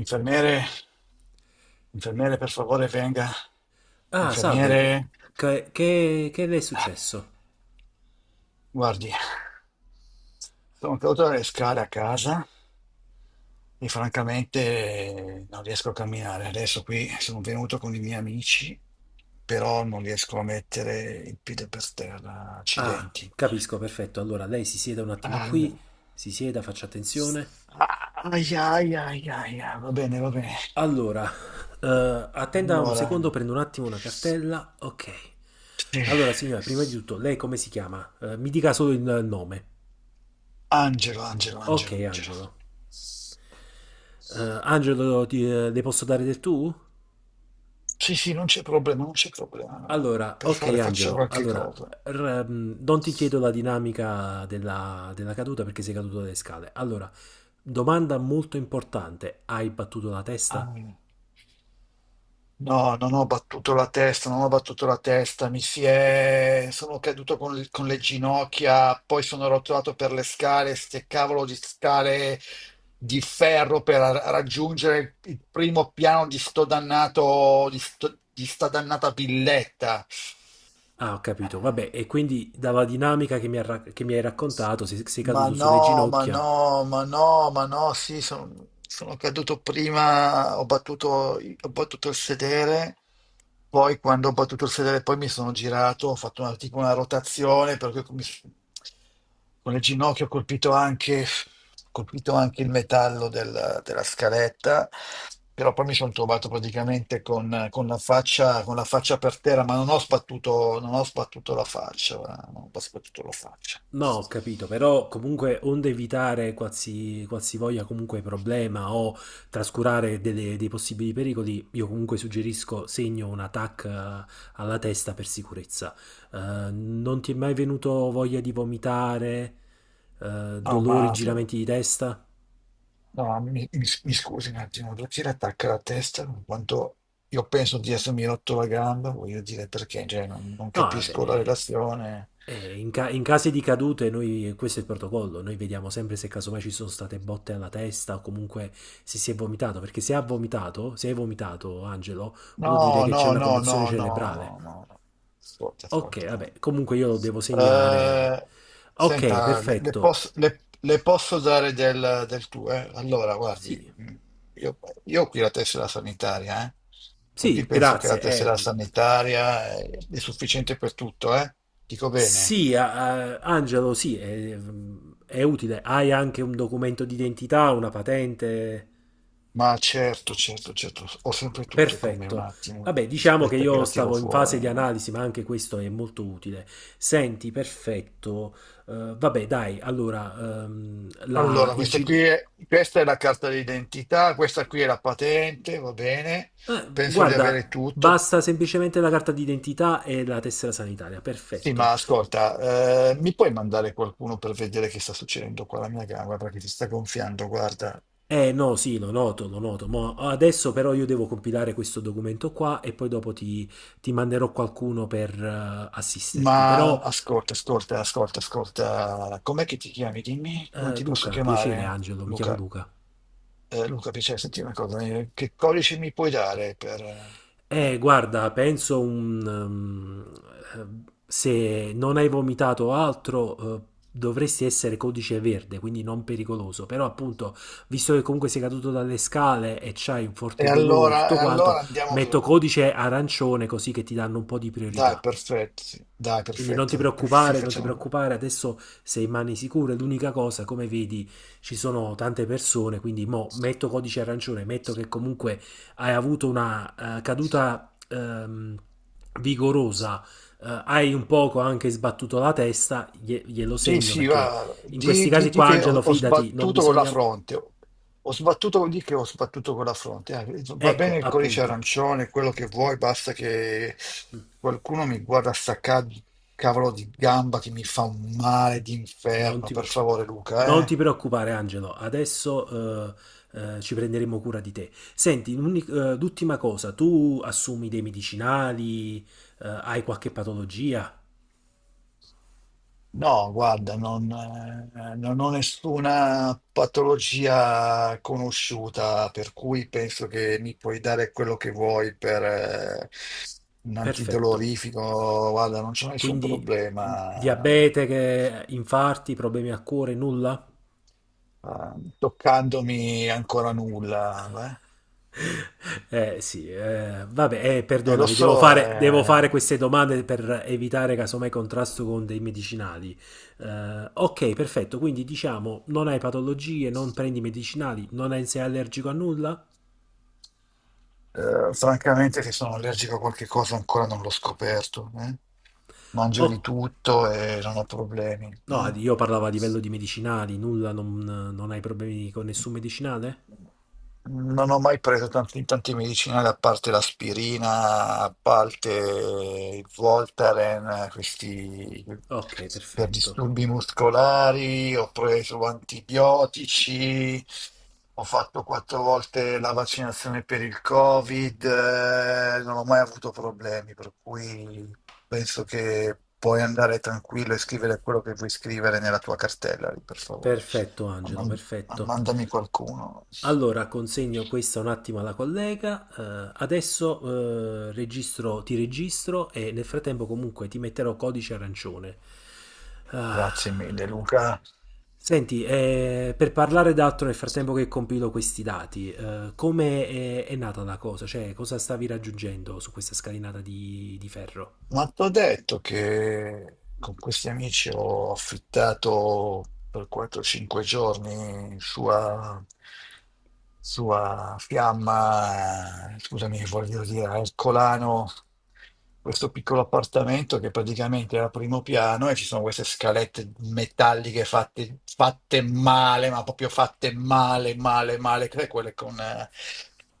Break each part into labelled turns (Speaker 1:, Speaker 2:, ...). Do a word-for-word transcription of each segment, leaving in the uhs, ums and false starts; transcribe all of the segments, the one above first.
Speaker 1: Infermiere, infermiere, per favore, venga.
Speaker 2: Ah, salve, che,
Speaker 1: Infermiere,
Speaker 2: che- che- che le è successo?
Speaker 1: guardi, sono caduto dalle scale a casa e francamente non riesco a camminare. Adesso qui sono venuto con i miei amici, però non riesco a mettere il piede per terra.
Speaker 2: Ah,
Speaker 1: Accidenti.
Speaker 2: capisco, perfetto. Allora, lei si sieda un attimo
Speaker 1: Ah,
Speaker 2: qui, si sieda, faccia attenzione.
Speaker 1: ah, ai, ai, ai, ai, ai, va bene, va bene.
Speaker 2: Allora, eh, attenda un
Speaker 1: Allora,
Speaker 2: secondo, prendo un attimo una cartella. Ok. Allora, signora, prima di
Speaker 1: sì.
Speaker 2: tutto, lei come si chiama? Eh, mi dica solo il nome.
Speaker 1: Angelo, Angelo,
Speaker 2: Ok,
Speaker 1: Angelo, Angelo.
Speaker 2: Angelo. Eh, Angelo, ti- eh, le posso dare del tu?
Speaker 1: Sì, sì, non c'è problema, non c'è problema.
Speaker 2: Allora,
Speaker 1: Per
Speaker 2: ok
Speaker 1: fare faccia
Speaker 2: Angelo,
Speaker 1: qualche
Speaker 2: allora
Speaker 1: cosa.
Speaker 2: r- mm, non ti chiedo la dinamica della, della caduta perché sei caduto dalle scale. Allora, domanda molto importante, hai battuto la testa?
Speaker 1: Ah, no, non ho battuto la testa, non ho battuto la testa, mi si è... sono caduto con, le con le ginocchia, poi sono rotolato per le scale, ste cavolo di scale di ferro per ra- raggiungere il primo piano di sto dannato, di, sto- di sta dannata villetta.
Speaker 2: Ah, ho capito, vabbè, e quindi dalla dinamica che mi, ha ra- che mi hai raccontato, sei, sei
Speaker 1: Ma
Speaker 2: caduto sulle
Speaker 1: no, ma
Speaker 2: ginocchia.
Speaker 1: no, ma no, ma no, sì, sono, sono caduto prima, ho battuto, ho battuto il sedere, poi quando ho battuto il sedere poi mi sono girato, ho fatto una, tipo una rotazione, per cui mi s- con il ginocchio ho colpito anche, ho colpito anche il metallo del- della scaletta, però poi mi sono trovato praticamente con, con la faccia, con la faccia per terra, ma non ho sbattuto, non ho sbattuto la faccia, guarda, non ho sbattuto la faccia.
Speaker 2: No, ho capito, però comunque onde evitare qualsi, qualsivoglia comunque problema o trascurare delle- dei possibili pericoli, io comunque suggerisco segno una TAC, eh, alla testa per sicurezza. Eh, non ti è mai venuto voglia di vomitare, eh,
Speaker 1: No,
Speaker 2: dolori,
Speaker 1: ma
Speaker 2: giramenti di testa?
Speaker 1: no, ma mi, mi- mi scusi un attimo, Drucchi le attacca la testa in quanto io penso di essermi rotto la gamba, voglio dire perché, cioè, non, non
Speaker 2: No, vabbè,
Speaker 1: capisco la
Speaker 2: eh,
Speaker 1: relazione.
Speaker 2: eh, in, ca- in casi di cadute, noi, questo è il protocollo, noi vediamo sempre se casomai ci sono state botte alla testa o comunque se si è vomitato, perché se ha vomitato, se hai vomitato, Angelo, vuol dire
Speaker 1: No,
Speaker 2: che c'è
Speaker 1: no,
Speaker 2: una
Speaker 1: no,
Speaker 2: commozione
Speaker 1: no, no,
Speaker 2: cerebrale.
Speaker 1: no, no, no. Ascolta,
Speaker 2: Ok,
Speaker 1: ascolta.
Speaker 2: vabbè, comunque io lo devo segnare.
Speaker 1: Eh,
Speaker 2: Ok,
Speaker 1: senta, le, le
Speaker 2: perfetto.
Speaker 1: posso, le- le posso dare del, del tuo, eh? Allora, guardi,
Speaker 2: Sì,
Speaker 1: mh, io, io ho qui la tessera sanitaria, eh? Per cui
Speaker 2: sì,
Speaker 1: penso che la
Speaker 2: grazie. eh,
Speaker 1: tessera sanitaria è, è sufficiente per tutto, eh? Dico bene.
Speaker 2: sì, a- a- Angelo, sì, è, è utile. Hai anche un documento d'identità, una patente?
Speaker 1: Ma certo, certo, certo, ho sempre tutto con me, un
Speaker 2: Perfetto.
Speaker 1: attimo,
Speaker 2: Vabbè, diciamo che
Speaker 1: aspetta che
Speaker 2: io
Speaker 1: la tiro
Speaker 2: stavo in fase
Speaker 1: fuori.
Speaker 2: di analisi, ma anche questo è molto utile. Senti, perfetto. Eh, vabbè, dai, allora, ehm, la,
Speaker 1: Allora,
Speaker 2: il
Speaker 1: questa
Speaker 2: G...
Speaker 1: qui è, questa è la carta d'identità, questa qui è la patente, va bene?
Speaker 2: eh,
Speaker 1: Penso di avere
Speaker 2: guarda,
Speaker 1: tutto.
Speaker 2: basta semplicemente la carta d'identità e la tessera sanitaria.
Speaker 1: Sì,
Speaker 2: Perfetto.
Speaker 1: ma ascolta, eh, mi puoi mandare qualcuno per vedere che sta succedendo qua alla mia gamba perché si sta gonfiando, guarda.
Speaker 2: Eh no, sì, lo noto, lo noto. Mo adesso però io devo compilare questo documento qua e poi dopo ti, ti manderò qualcuno per eh, assisterti.
Speaker 1: Ma
Speaker 2: Però,
Speaker 1: ascolta, ascolta, ascolta, ascolta. Com'è che ti chiami? Dimmi come
Speaker 2: eh,
Speaker 1: ti posso
Speaker 2: Luca, piacere,
Speaker 1: chiamare,
Speaker 2: Angelo, mi chiamo
Speaker 1: Luca.
Speaker 2: Luca.
Speaker 1: Eh, Luca, piacere, senti una cosa, eh, che codice mi puoi dare per...
Speaker 2: Eh,
Speaker 1: eh?
Speaker 2: guarda, penso un... um, eh, se non hai vomitato altro, eh, dovresti essere codice verde, quindi non pericoloso. Però appunto, visto che comunque sei caduto dalle scale e c'hai un
Speaker 1: E
Speaker 2: forte dolore,
Speaker 1: allora, e
Speaker 2: tutto
Speaker 1: allora
Speaker 2: quanto,
Speaker 1: andiamo
Speaker 2: metto
Speaker 1: su.
Speaker 2: codice arancione così che ti danno un po' di
Speaker 1: Dai,
Speaker 2: priorità.
Speaker 1: perfetto. Sì. Dai,
Speaker 2: Quindi non ti
Speaker 1: perfetto. Sì,
Speaker 2: preoccupare, non ti
Speaker 1: facciamo.
Speaker 2: preoccupare, adesso sei in mani sicure. L'unica cosa, come vedi, ci sono tante persone, quindi mo metto codice arancione, metto che comunque hai avuto una eh, caduta ehm, vigorosa, eh, hai un poco anche sbattuto la testa, glie- glielo
Speaker 1: Sì,
Speaker 2: segno
Speaker 1: sì,
Speaker 2: perché
Speaker 1: va.
Speaker 2: in questi
Speaker 1: Di, di-
Speaker 2: casi
Speaker 1: di
Speaker 2: qua,
Speaker 1: che ho,
Speaker 2: Angelo,
Speaker 1: ho
Speaker 2: fidati, non
Speaker 1: sbattuto con la
Speaker 2: bisogna...
Speaker 1: fronte. Ho sbattuto, di che ho sbattuto con la fronte. Ah, eh, va bene
Speaker 2: Ecco,
Speaker 1: il codice
Speaker 2: appunto,
Speaker 1: arancione, quello che vuoi, basta che qualcuno mi guarda sta ca- cavolo di gamba che mi fa un male
Speaker 2: Non
Speaker 1: d'inferno,
Speaker 2: ti,
Speaker 1: per
Speaker 2: pre-
Speaker 1: favore, Luca,
Speaker 2: non ti
Speaker 1: eh.
Speaker 2: preoccupare, Angelo, adesso eh, eh, ci prenderemo cura di te. Senti, l'uni- eh, l'ultima cosa, tu assumi dei medicinali, eh, hai qualche patologia?
Speaker 1: No, guarda, non, eh, non ho nessuna patologia conosciuta, per cui penso che mi puoi dare quello che vuoi per eh, un
Speaker 2: Perfetto.
Speaker 1: antidolorifico. Guarda, non c'è nessun
Speaker 2: Quindi mh,
Speaker 1: problema,
Speaker 2: diabete, che- infarti, problemi al cuore, nulla?
Speaker 1: eh, toccandomi ancora nulla.
Speaker 2: Eh sì, eh, vabbè, eh,
Speaker 1: Eh. E lo
Speaker 2: perdonami, devo
Speaker 1: so,
Speaker 2: fare, devo fare
Speaker 1: eh,
Speaker 2: queste domande per evitare casomai contrasto con dei medicinali. Eh, ok, perfetto, quindi diciamo non hai patologie, non prendi medicinali, non hai- sei allergico a nulla?
Speaker 1: eh, francamente che sono allergico a qualche cosa ancora non l'ho scoperto. Eh. Mangio di
Speaker 2: O-
Speaker 1: tutto e non ho problemi. Mm.
Speaker 2: no, io parlavo a livello di medicinali, nulla, non, non hai problemi con nessun medicinale?
Speaker 1: Non ho mai preso tanti, tante medicinali, a parte l'aspirina, a parte il Voltaren, questi
Speaker 2: Ok,
Speaker 1: per
Speaker 2: perfetto.
Speaker 1: disturbi muscolari, ho preso antibiotici, ho fatto quattro volte la vaccinazione per il Covid, eh, non ho mai avuto problemi, per cui penso che puoi andare tranquillo e scrivere quello che vuoi scrivere nella tua cartella, lì, per favore.
Speaker 2: Perfetto, Angelo,
Speaker 1: Ma
Speaker 2: perfetto.
Speaker 1: mandami qualcuno.
Speaker 2: Allora, consegno questa un attimo alla collega. eh, adesso eh, registro, ti registro e nel frattempo comunque ti metterò codice arancione. Ah.
Speaker 1: Grazie mille, Luca.
Speaker 2: Senti, eh, per parlare d'altro nel frattempo che compilo questi dati, eh, come è, è nata la cosa? Cioè, cosa stavi raggiungendo su questa scalinata di, di ferro?
Speaker 1: Ma ti ho detto che con questi amici ho affittato per quattro cinque giorni sua, sua fiamma, scusami, voglio dire, al Colano, questo piccolo appartamento che praticamente è al primo piano e ci sono queste scalette metalliche fatte, fatte male, ma proprio fatte male, male, male, che è quelle con... eh,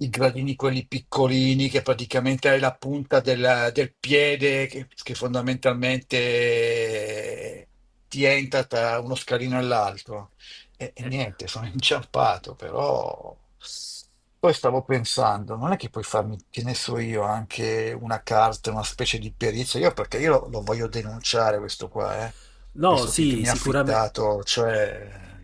Speaker 1: i gradini quelli piccolini che praticamente hai la punta del, del piede che, che fondamentalmente ti entra tra uno scalino e l'altro. E, e
Speaker 2: Eh,
Speaker 1: niente, sono inciampato, però poi stavo pensando, non è che puoi farmi, che ne so io, anche una carta, una specie di perizia, io perché io lo, lo voglio denunciare questo qua, eh.
Speaker 2: No,
Speaker 1: Questo che, che
Speaker 2: sì,
Speaker 1: mi ha
Speaker 2: sicuramente.
Speaker 1: affittato, cioè...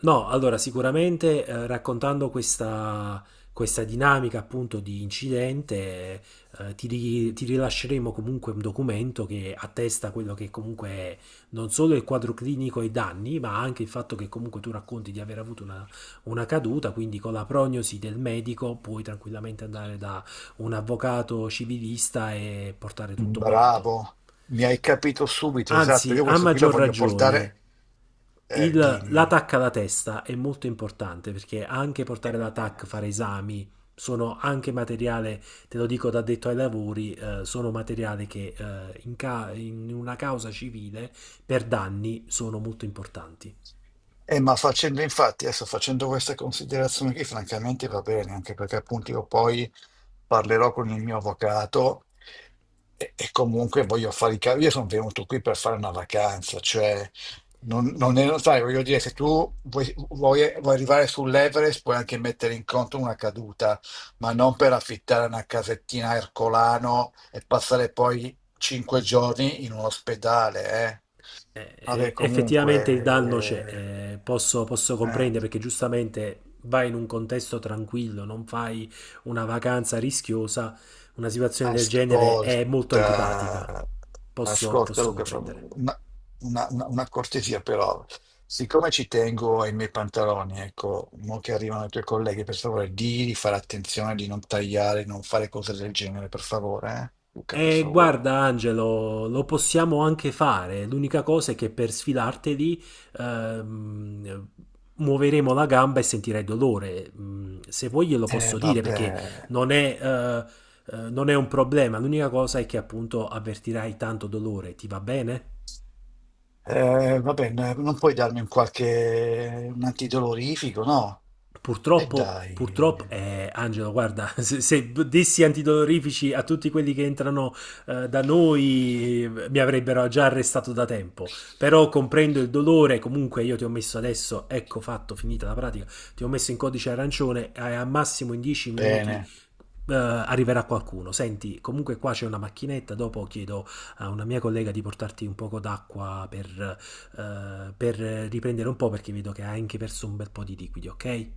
Speaker 2: No, allora sicuramente eh, raccontando questa, questa dinamica appunto di incidente, eh, ti, ri- ti rilasceremo comunque un documento che attesta quello che comunque è non solo il quadro clinico e i danni, ma anche il fatto che comunque tu racconti di aver avuto una, una caduta, quindi con la prognosi del medico puoi tranquillamente andare da un avvocato civilista e portare tutto quanto.
Speaker 1: Bravo, mi hai capito subito, esatto.
Speaker 2: Anzi,
Speaker 1: Io
Speaker 2: a
Speaker 1: questo qui lo
Speaker 2: maggior
Speaker 1: voglio
Speaker 2: ragione,
Speaker 1: portare, eh,
Speaker 2: il-
Speaker 1: dimmi.
Speaker 2: l'attacco alla testa è molto importante perché anche portare
Speaker 1: Eh,
Speaker 2: l'attacco, fare esami, sono anche materiale, te lo dico da detto ai lavori, eh, sono materiale che eh, in ca- in una causa civile per danni sono molto importanti.
Speaker 1: Eh, ma facendo infatti, adesso facendo questa considerazione qui, francamente va bene, anche perché appunto io poi parlerò con il mio avvocato e, e comunque voglio fare i cavi. Io sono venuto qui per fare una vacanza, cioè non, non è, sai, voglio dire, se tu vuoi, vuoi- vuoi arrivare sull'Everest puoi anche mettere in conto una caduta, ma non per affittare una casettina a Ercolano e passare poi cinque giorni in un ospedale, eh. Vabbè,
Speaker 2: eh, effettivamente il danno c'è,
Speaker 1: comunque,
Speaker 2: eh, posso, posso
Speaker 1: eh, eh,
Speaker 2: comprendere perché giustamente vai in un contesto tranquillo, non fai una vacanza rischiosa, una situazione del genere è molto antipatica,
Speaker 1: ascolta,
Speaker 2: posso,
Speaker 1: ascolta
Speaker 2: posso
Speaker 1: Luca, fa-
Speaker 2: comprendere.
Speaker 1: una, una- una- una cortesia però, siccome ci tengo ai miei pantaloni, ecco, mo che arrivano i tuoi colleghi, per favore, di di fare attenzione, di non tagliare, non fare cose del genere, per favore, eh? Luca, per
Speaker 2: E
Speaker 1: favore.
Speaker 2: guarda Angelo, lo possiamo anche fare. L'unica cosa è che per sfilarteli ehm, muoveremo la gamba e sentirai dolore. Mm, se vuoi glielo
Speaker 1: Eh,
Speaker 2: posso dire perché
Speaker 1: vabbè.
Speaker 2: non è, eh, eh, non è un problema. L'unica cosa è che appunto avvertirai tanto dolore. Ti va bene?
Speaker 1: Eh, vabbè, n- non puoi darmi un qualche un antidolorifico, no? E
Speaker 2: Purtroppo,
Speaker 1: dai.
Speaker 2: purtroppo, eh, Angelo, guarda, se, se dessi antidolorifici a tutti quelli che entrano eh, da noi, eh, mi avrebbero già arrestato da tempo. Però comprendo il dolore, comunque io ti ho messo adesso, ecco fatto, finita la pratica, ti ho messo in codice arancione e a massimo in dieci minuti
Speaker 1: Bene.
Speaker 2: eh, arriverà qualcuno. Senti, comunque qua c'è una macchinetta, dopo chiedo a una mia collega di portarti un poco d'acqua per, eh, per riprendere un po' perché vedo che hai anche perso un bel po' di liquidi, ok?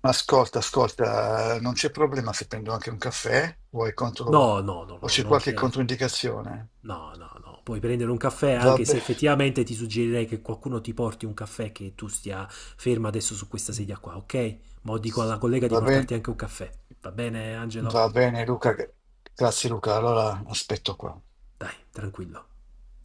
Speaker 1: Ascolta, ascolta, non c'è problema se prendo anche un caffè? Vuoi contro...
Speaker 2: No, no, no,
Speaker 1: o
Speaker 2: no,
Speaker 1: c'è
Speaker 2: non
Speaker 1: qualche
Speaker 2: c'è.
Speaker 1: controindicazione?
Speaker 2: No, no, no. Puoi prendere un caffè anche se
Speaker 1: Vabbè.
Speaker 2: effettivamente ti suggerirei che qualcuno ti porti un caffè che tu stia ferma adesso su questa sedia qua, ok? Ma dico alla collega di
Speaker 1: Va bene,
Speaker 2: portarti anche un caffè. Va bene, Angelo?
Speaker 1: va bene Luca, grazie Luca, allora aspetto qua.
Speaker 2: Dai, tranquillo.